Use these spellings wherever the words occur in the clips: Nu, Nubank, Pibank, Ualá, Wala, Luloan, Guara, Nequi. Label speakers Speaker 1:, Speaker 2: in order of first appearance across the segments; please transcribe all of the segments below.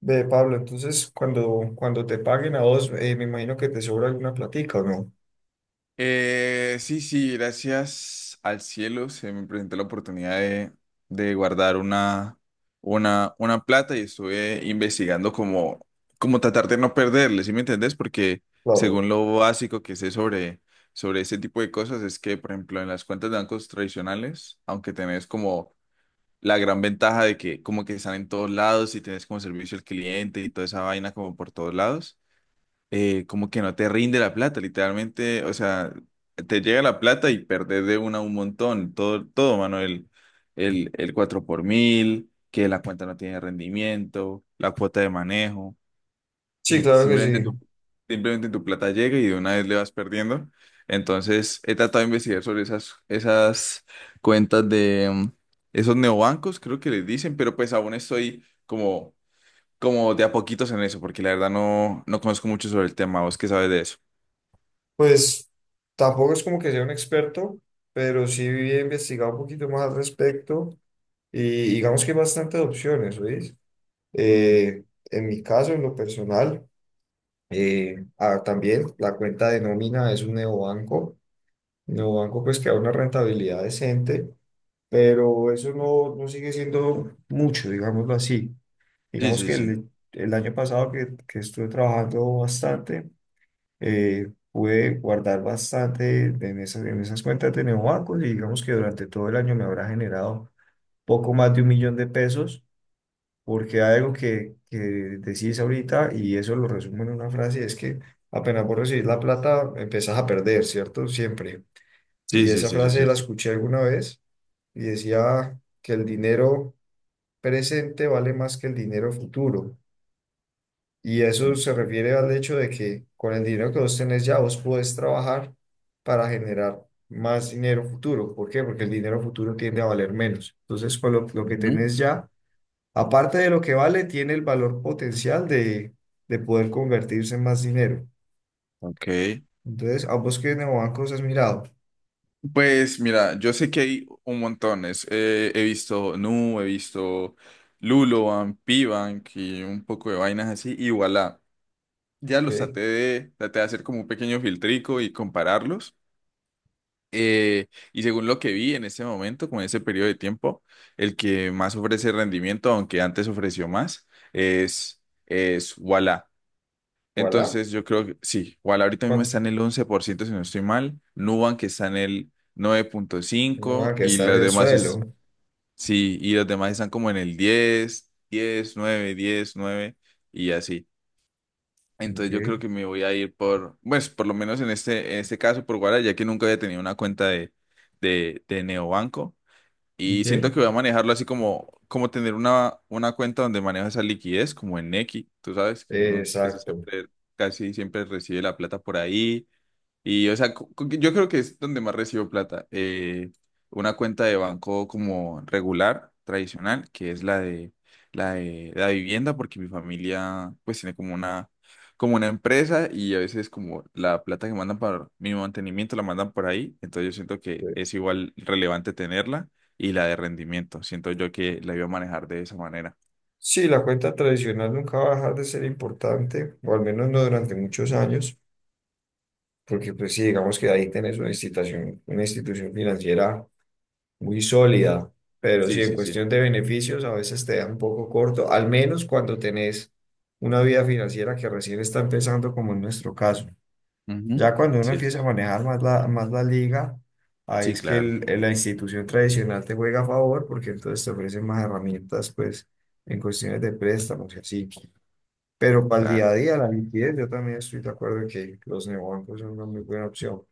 Speaker 1: Ve, Pablo, entonces cuando te paguen a vos, me imagino que te sobra alguna platica, ¿o no?
Speaker 2: Sí, sí, gracias al cielo se me presentó la oportunidad de guardar una plata y estuve investigando como tratar de no perderle, ¿sí me entendés? Porque
Speaker 1: Claro.
Speaker 2: según lo básico que sé sobre ese tipo de cosas es que, por ejemplo, en las cuentas de bancos tradicionales, aunque tenés como la gran ventaja de que como que están en todos lados y tenés como servicio al cliente y toda esa vaina como por todos lados, como que no te rinde la plata, literalmente, o sea, te llega la plata y perdés de una un montón, todo, mano, el 4 por mil, que la cuenta no tiene rendimiento, la cuota de manejo,
Speaker 1: Sí,
Speaker 2: y
Speaker 1: claro que sí.
Speaker 2: simplemente tu plata llega y de una vez le vas perdiendo. Entonces, he tratado de investigar sobre esas cuentas de esos neobancos, creo que les dicen, pero pues aún estoy como de a poquitos en eso, porque la verdad no conozco mucho sobre el tema. ¿Vos qué sabes de eso?
Speaker 1: Pues tampoco es como que sea un experto, pero sí he investigado un poquito más al respecto y digamos que hay bastantes opciones, ¿oís?
Speaker 2: Ujú.
Speaker 1: Eh, en mi caso, en lo personal, también la cuenta de nómina es un neobanco pues que da una rentabilidad decente, pero eso no sigue siendo mucho, digámoslo así.
Speaker 2: Sí,
Speaker 1: Digamos
Speaker 2: sí,
Speaker 1: que
Speaker 2: sí.
Speaker 1: el año pasado que estuve trabajando bastante, pude guardar bastante en esas cuentas de neobancos y digamos que durante todo el año me habrá generado poco más de un millón de pesos, porque hay algo que decís ahorita y eso lo resumo en una frase, es que apenas vos recibís la plata, empezás a perder, ¿cierto? Siempre.
Speaker 2: Sí,
Speaker 1: Y
Speaker 2: sí,
Speaker 1: esa
Speaker 2: sí, sí, es
Speaker 1: frase la
Speaker 2: cierto.
Speaker 1: escuché alguna vez y decía que el dinero presente vale más que el dinero futuro. Y eso se
Speaker 2: Ok.
Speaker 1: refiere al hecho de que con el dinero que vos tenés ya, vos podés trabajar para generar más dinero futuro. ¿Por qué? Porque el dinero futuro tiende a valer menos. Entonces, con lo que
Speaker 2: Ujú.
Speaker 1: tenés ya, aparte de lo que vale, tiene el valor potencial de poder convertirse en más dinero.
Speaker 2: Ok.
Speaker 1: Entonces, ¿a vos qué neobancos has mirado?
Speaker 2: Pues mira, yo sé que hay un montón. He visto Nu, he visto Luloan, Pibank y un poco de vainas así. Y voilà. Ya los
Speaker 1: Ok,
Speaker 2: traté de hacer como un pequeño filtrico y compararlos. Eh, y según lo que vi en ese momento, con ese periodo de tiempo, el que más ofrece rendimiento, aunque antes ofreció más, es, es Wala.
Speaker 1: voilà.
Speaker 2: Entonces yo creo que sí, Wala ahorita mismo
Speaker 1: ¿Cuál?
Speaker 2: está en el 11% si no estoy mal, Nubank está en el nueve punto
Speaker 1: No,
Speaker 2: cinco
Speaker 1: que
Speaker 2: y
Speaker 1: está en
Speaker 2: los
Speaker 1: el
Speaker 2: demás
Speaker 1: suelo.
Speaker 2: sí, y los demás están como en el 10 10 9 10 9 y así. Entonces yo
Speaker 1: Ok,
Speaker 2: creo que me voy a ir por, pues por lo menos en en este caso por Guara, ya que nunca había tenido una cuenta de Neobanco. Y siento
Speaker 1: ok.
Speaker 2: que voy a manejarlo así como, como tener una cuenta donde manejo esa liquidez, como en Nequi. Tú sabes que uno
Speaker 1: Exacto.
Speaker 2: casi siempre recibe la plata por ahí y, o sea, yo creo que es donde más recibo plata. Una cuenta de banco como regular, tradicional, que es la de la vivienda, porque mi familia pues tiene como una empresa y a veces como la plata que mandan para mi mantenimiento la mandan por ahí. Entonces yo siento que
Speaker 1: Ok.
Speaker 2: es igual relevante tenerla y la de rendimiento. Siento yo que la iba a manejar de esa manera.
Speaker 1: Sí, la cuenta tradicional nunca va a dejar de ser importante, o al menos no durante muchos años, porque pues sí, digamos que ahí tenés una institución financiera muy sólida, pero
Speaker 2: Sí,
Speaker 1: sí, en
Speaker 2: sí, sí.
Speaker 1: cuestión de beneficios a veces te da un poco corto, al menos cuando tenés una vida financiera que recién está empezando, como en nuestro caso.
Speaker 2: Ujú.
Speaker 1: Ya cuando uno
Speaker 2: Sí,
Speaker 1: empieza a
Speaker 2: es.
Speaker 1: manejar más la liga, ahí
Speaker 2: Sí,
Speaker 1: es que
Speaker 2: claro,
Speaker 1: la institución tradicional te juega a favor, porque entonces te ofrecen más herramientas, pues, en cuestiones de préstamos y así. Pero para el día
Speaker 2: claro.
Speaker 1: a día, la liquidez, yo también estoy de acuerdo en que los neobancos son una muy buena opción.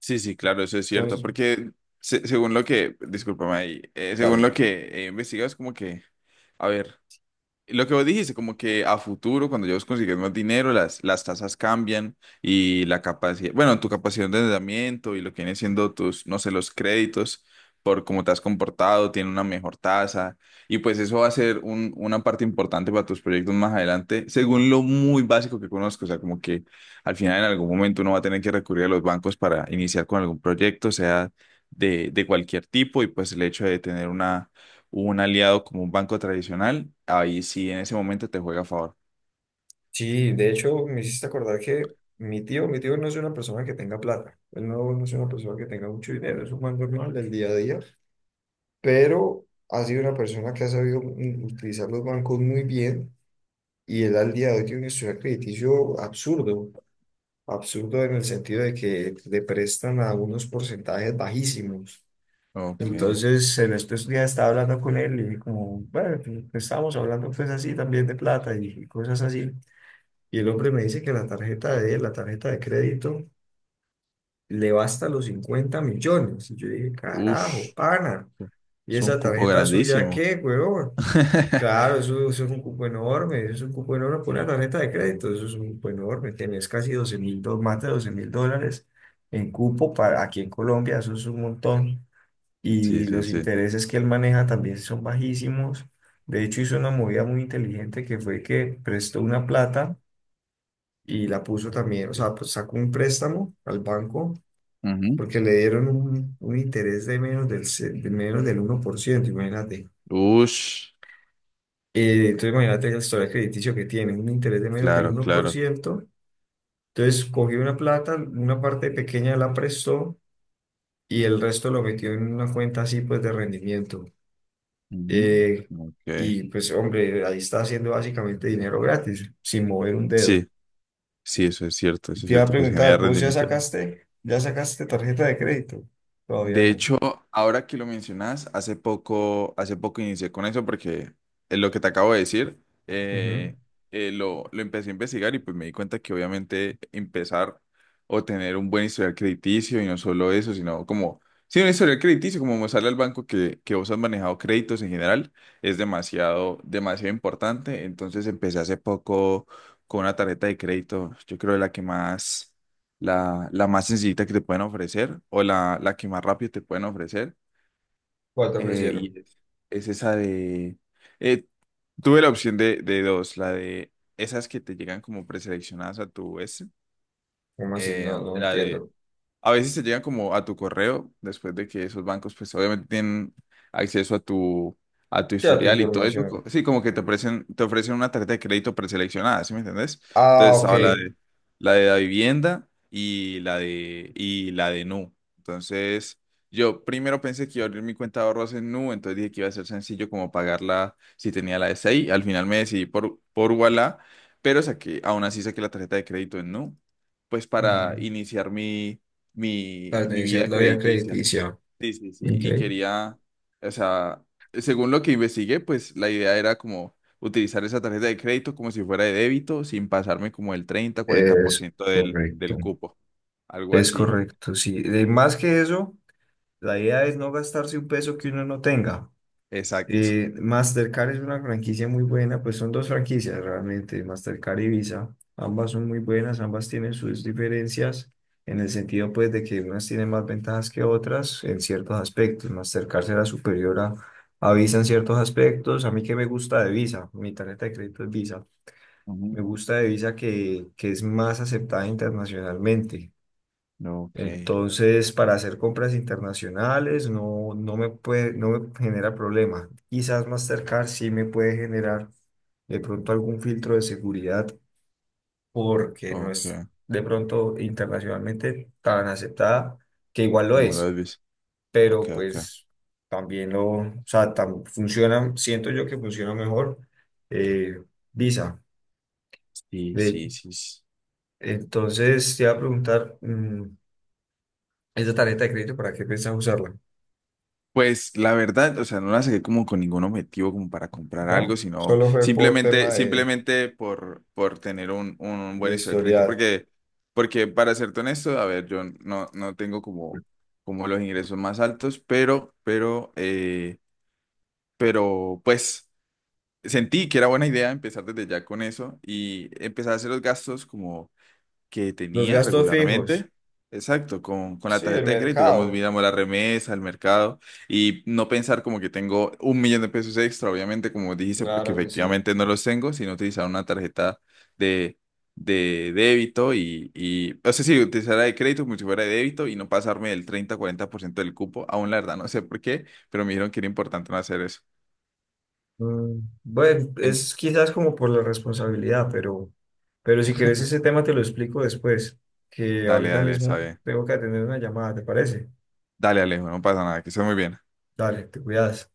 Speaker 2: Sí, sí, claro, eso es cierto,
Speaker 1: Entonces,
Speaker 2: porque según lo que, discúlpame ahí, según lo
Speaker 1: dale.
Speaker 2: que he investigado, es como que, a ver. Lo que vos dijiste, como que a futuro, cuando ya vos consigues más dinero, las tasas cambian y la capacidad, bueno, tu capacidad de endeudamiento y lo que viene siendo tus, no sé, los créditos por cómo te has comportado, tiene una mejor tasa y pues eso va a ser un- una parte importante para tus proyectos más adelante, según lo muy básico que conozco, o sea, como que al final en algún momento uno va a tener que recurrir a los bancos para iniciar con algún proyecto, sea de cualquier tipo y pues el hecho de tener una un aliado como un banco tradicional, ahí sí en ese momento te juega a favor.
Speaker 1: Sí, de hecho, me hiciste acordar que mi tío no es una persona que tenga plata. Él no, no es una persona que tenga mucho dinero, es un man normal del día a día. Pero ha sido una persona que ha sabido utilizar los bancos muy bien y él al día de hoy tiene un historial crediticio absurdo. Absurdo en el sentido de que le prestan a unos porcentajes bajísimos.
Speaker 2: Ok.
Speaker 1: Entonces, en estos días estaba hablando con él y dije como, bueno, pues, estábamos hablando pues así también de plata y cosas así. Y el hombre me dice que la tarjeta de él, la tarjeta de crédito, le basta los 50 millones. Y yo dije, carajo,
Speaker 2: Ush,
Speaker 1: pana, ¿y
Speaker 2: es un
Speaker 1: esa
Speaker 2: cupo
Speaker 1: tarjeta suya
Speaker 2: grandísimo.
Speaker 1: qué, huevón? Claro, eso es un cupo enorme, eso es un cupo enorme por una tarjeta de crédito, eso es un cupo enorme, tenés casi 12.000, más de 12.000 dólares en cupo para aquí en Colombia, eso es un montón
Speaker 2: Sí,
Speaker 1: y
Speaker 2: sí,
Speaker 1: los
Speaker 2: sí.
Speaker 1: intereses que él maneja también son bajísimos. De hecho, hizo una movida muy inteligente que fue que prestó una plata y la puso también, o sea, pues sacó un préstamo al banco
Speaker 2: Ujú.
Speaker 1: porque le dieron un interés de menos del 1%, imagínate.
Speaker 2: Ush,
Speaker 1: Entonces, imagínate la historia crediticio que tiene, un interés de menos del
Speaker 2: claro,
Speaker 1: uno por
Speaker 2: claro.
Speaker 1: ciento Entonces, cogió una plata, una parte pequeña la prestó y el resto lo metió en una cuenta así, pues, de rendimiento. Eh,
Speaker 2: Ujú. Ok.
Speaker 1: y pues, hombre, ahí está haciendo básicamente dinero gratis, sin mover un dedo.
Speaker 2: Sí, sí, eso es cierto,
Speaker 1: Y
Speaker 2: eso es
Speaker 1: te iba a
Speaker 2: cierto. Pues genera
Speaker 1: preguntar, ¿vos ya
Speaker 2: rendimiento.
Speaker 1: sacaste tarjeta de crédito? Todavía
Speaker 2: De
Speaker 1: no.
Speaker 2: hecho, ahora que lo mencionas, hace poco inicié con eso porque es lo que te acabo de decir,
Speaker 1: Ujú.
Speaker 2: eh, lo empecé a investigar y pues me di cuenta que obviamente empezar o tener un buen historial crediticio y no solo eso, sino como, sí, un historial crediticio, como mostrarle al banco que vos has manejado créditos en general, es demasiado, demasiado importante. Entonces empecé hace poco con una tarjeta de crédito, yo creo de la que más la más sencillita que te pueden ofrecer o la que más rápido te pueden ofrecer.
Speaker 1: ¿Cuál te ofrecieron?
Speaker 2: Y es esa de... eh, tuve la opción de dos, la de esas que te llegan como preseleccionadas a tu S,
Speaker 1: ¿Cómo así? No, no
Speaker 2: la de
Speaker 1: entiendo.
Speaker 2: a veces te llegan como a tu correo, después de que esos bancos, pues obviamente tienen acceso a tu,
Speaker 1: Ya tu
Speaker 2: historial y todo eso.
Speaker 1: información.
Speaker 2: Sí, como que te ofrecen una tarjeta de crédito preseleccionada, ¿sí me entendés?
Speaker 1: Ah,
Speaker 2: Entonces
Speaker 1: ok.
Speaker 2: estaba la de la vivienda y la de Nu. Entonces, yo primero pensé que iba a abrir mi cuenta de ahorros en Nu, entonces dije que iba a ser sencillo como pagarla si tenía la de 6. Al final me decidí por Ualá, pero saqué, aún así saqué la tarjeta de crédito en Nu, pues
Speaker 1: Ujú.
Speaker 2: para iniciar
Speaker 1: Para
Speaker 2: mi
Speaker 1: iniciar
Speaker 2: vida
Speaker 1: la vía
Speaker 2: crediticia.
Speaker 1: crediticia.
Speaker 2: Sí, sí, sí.
Speaker 1: Ok.
Speaker 2: Y quería, o sea, según lo que investigué, pues la idea era como utilizar esa tarjeta de crédito como si fuera de débito, sin pasarme como el treinta cuarenta por
Speaker 1: Es
Speaker 2: ciento del,
Speaker 1: correcto.
Speaker 2: del cupo. Algo
Speaker 1: Es
Speaker 2: así.
Speaker 1: correcto, sí. Más que eso, la idea es no gastarse un peso que uno no tenga.
Speaker 2: Exacto.
Speaker 1: Mastercard es una franquicia muy buena, pues son dos franquicias realmente, Mastercard y Visa. Ambas son muy buenas, ambas tienen sus diferencias en el sentido pues de que unas tienen más ventajas que otras en ciertos aspectos. Mastercard será superior a Visa en ciertos aspectos. A mí que me gusta de Visa, mi tarjeta de crédito es Visa.
Speaker 2: Ujú.
Speaker 1: Me gusta de Visa que es más aceptada internacionalmente.
Speaker 2: Ok,
Speaker 1: Entonces, para hacer compras internacionales no, no me puede, no me genera problema. Quizás Mastercard sí me puede generar de pronto algún filtro de seguridad porque no
Speaker 2: ok.
Speaker 1: es de pronto internacionalmente tan aceptada, que igual lo
Speaker 2: Como
Speaker 1: es,
Speaker 2: lo ves. Ok,
Speaker 1: pero
Speaker 2: ok.
Speaker 1: pues también lo, o sea, funciona, siento yo que funciona mejor eh, Visa.
Speaker 2: Sí,
Speaker 1: De,
Speaker 2: sí, sí. Sí.
Speaker 1: entonces, te iba a preguntar, ¿esa tarjeta de crédito para qué piensas usarla?
Speaker 2: Pues la verdad, o sea, no la saqué como con ningún objetivo como para comprar algo,
Speaker 1: No,
Speaker 2: sino
Speaker 1: solo fue por tema
Speaker 2: simplemente, simplemente por tener un buen
Speaker 1: de
Speaker 2: historial crédito,
Speaker 1: historial.
Speaker 2: porque, porque para serte honesto, a ver, yo no tengo como los ingresos más altos, pero pues sentí que era buena idea empezar desde ya con eso y empezar a hacer los gastos que
Speaker 1: Los
Speaker 2: tenía
Speaker 1: gastos fijos.
Speaker 2: regularmente. Exacto, con la
Speaker 1: Sí, el
Speaker 2: tarjeta de crédito, digamos,
Speaker 1: mercado,
Speaker 2: miramos la remesa, el mercado y no pensar como que tengo 1 millón de pesos extra, obviamente, como dijiste, porque
Speaker 1: claro que sí.
Speaker 2: efectivamente no los tengo, sino utilizar una tarjeta de, de débito y, o sea, sí, utilizar la de crédito como si fuera de débito y no pasarme del 30-40% del cupo, aún la verdad, no sé por qué, pero me dijeron que era importante no hacer eso.
Speaker 1: Bueno,
Speaker 2: En-
Speaker 1: es quizás como por la responsabilidad, pero si quieres ese tema te lo explico después, que
Speaker 2: Dale,
Speaker 1: ahorita
Speaker 2: dale,
Speaker 1: mismo
Speaker 2: sabe.
Speaker 1: tengo que atender una llamada, ¿te parece?
Speaker 2: Dale, Alejo, no pasa nada, que estés muy bien.
Speaker 1: Dale, te cuidas.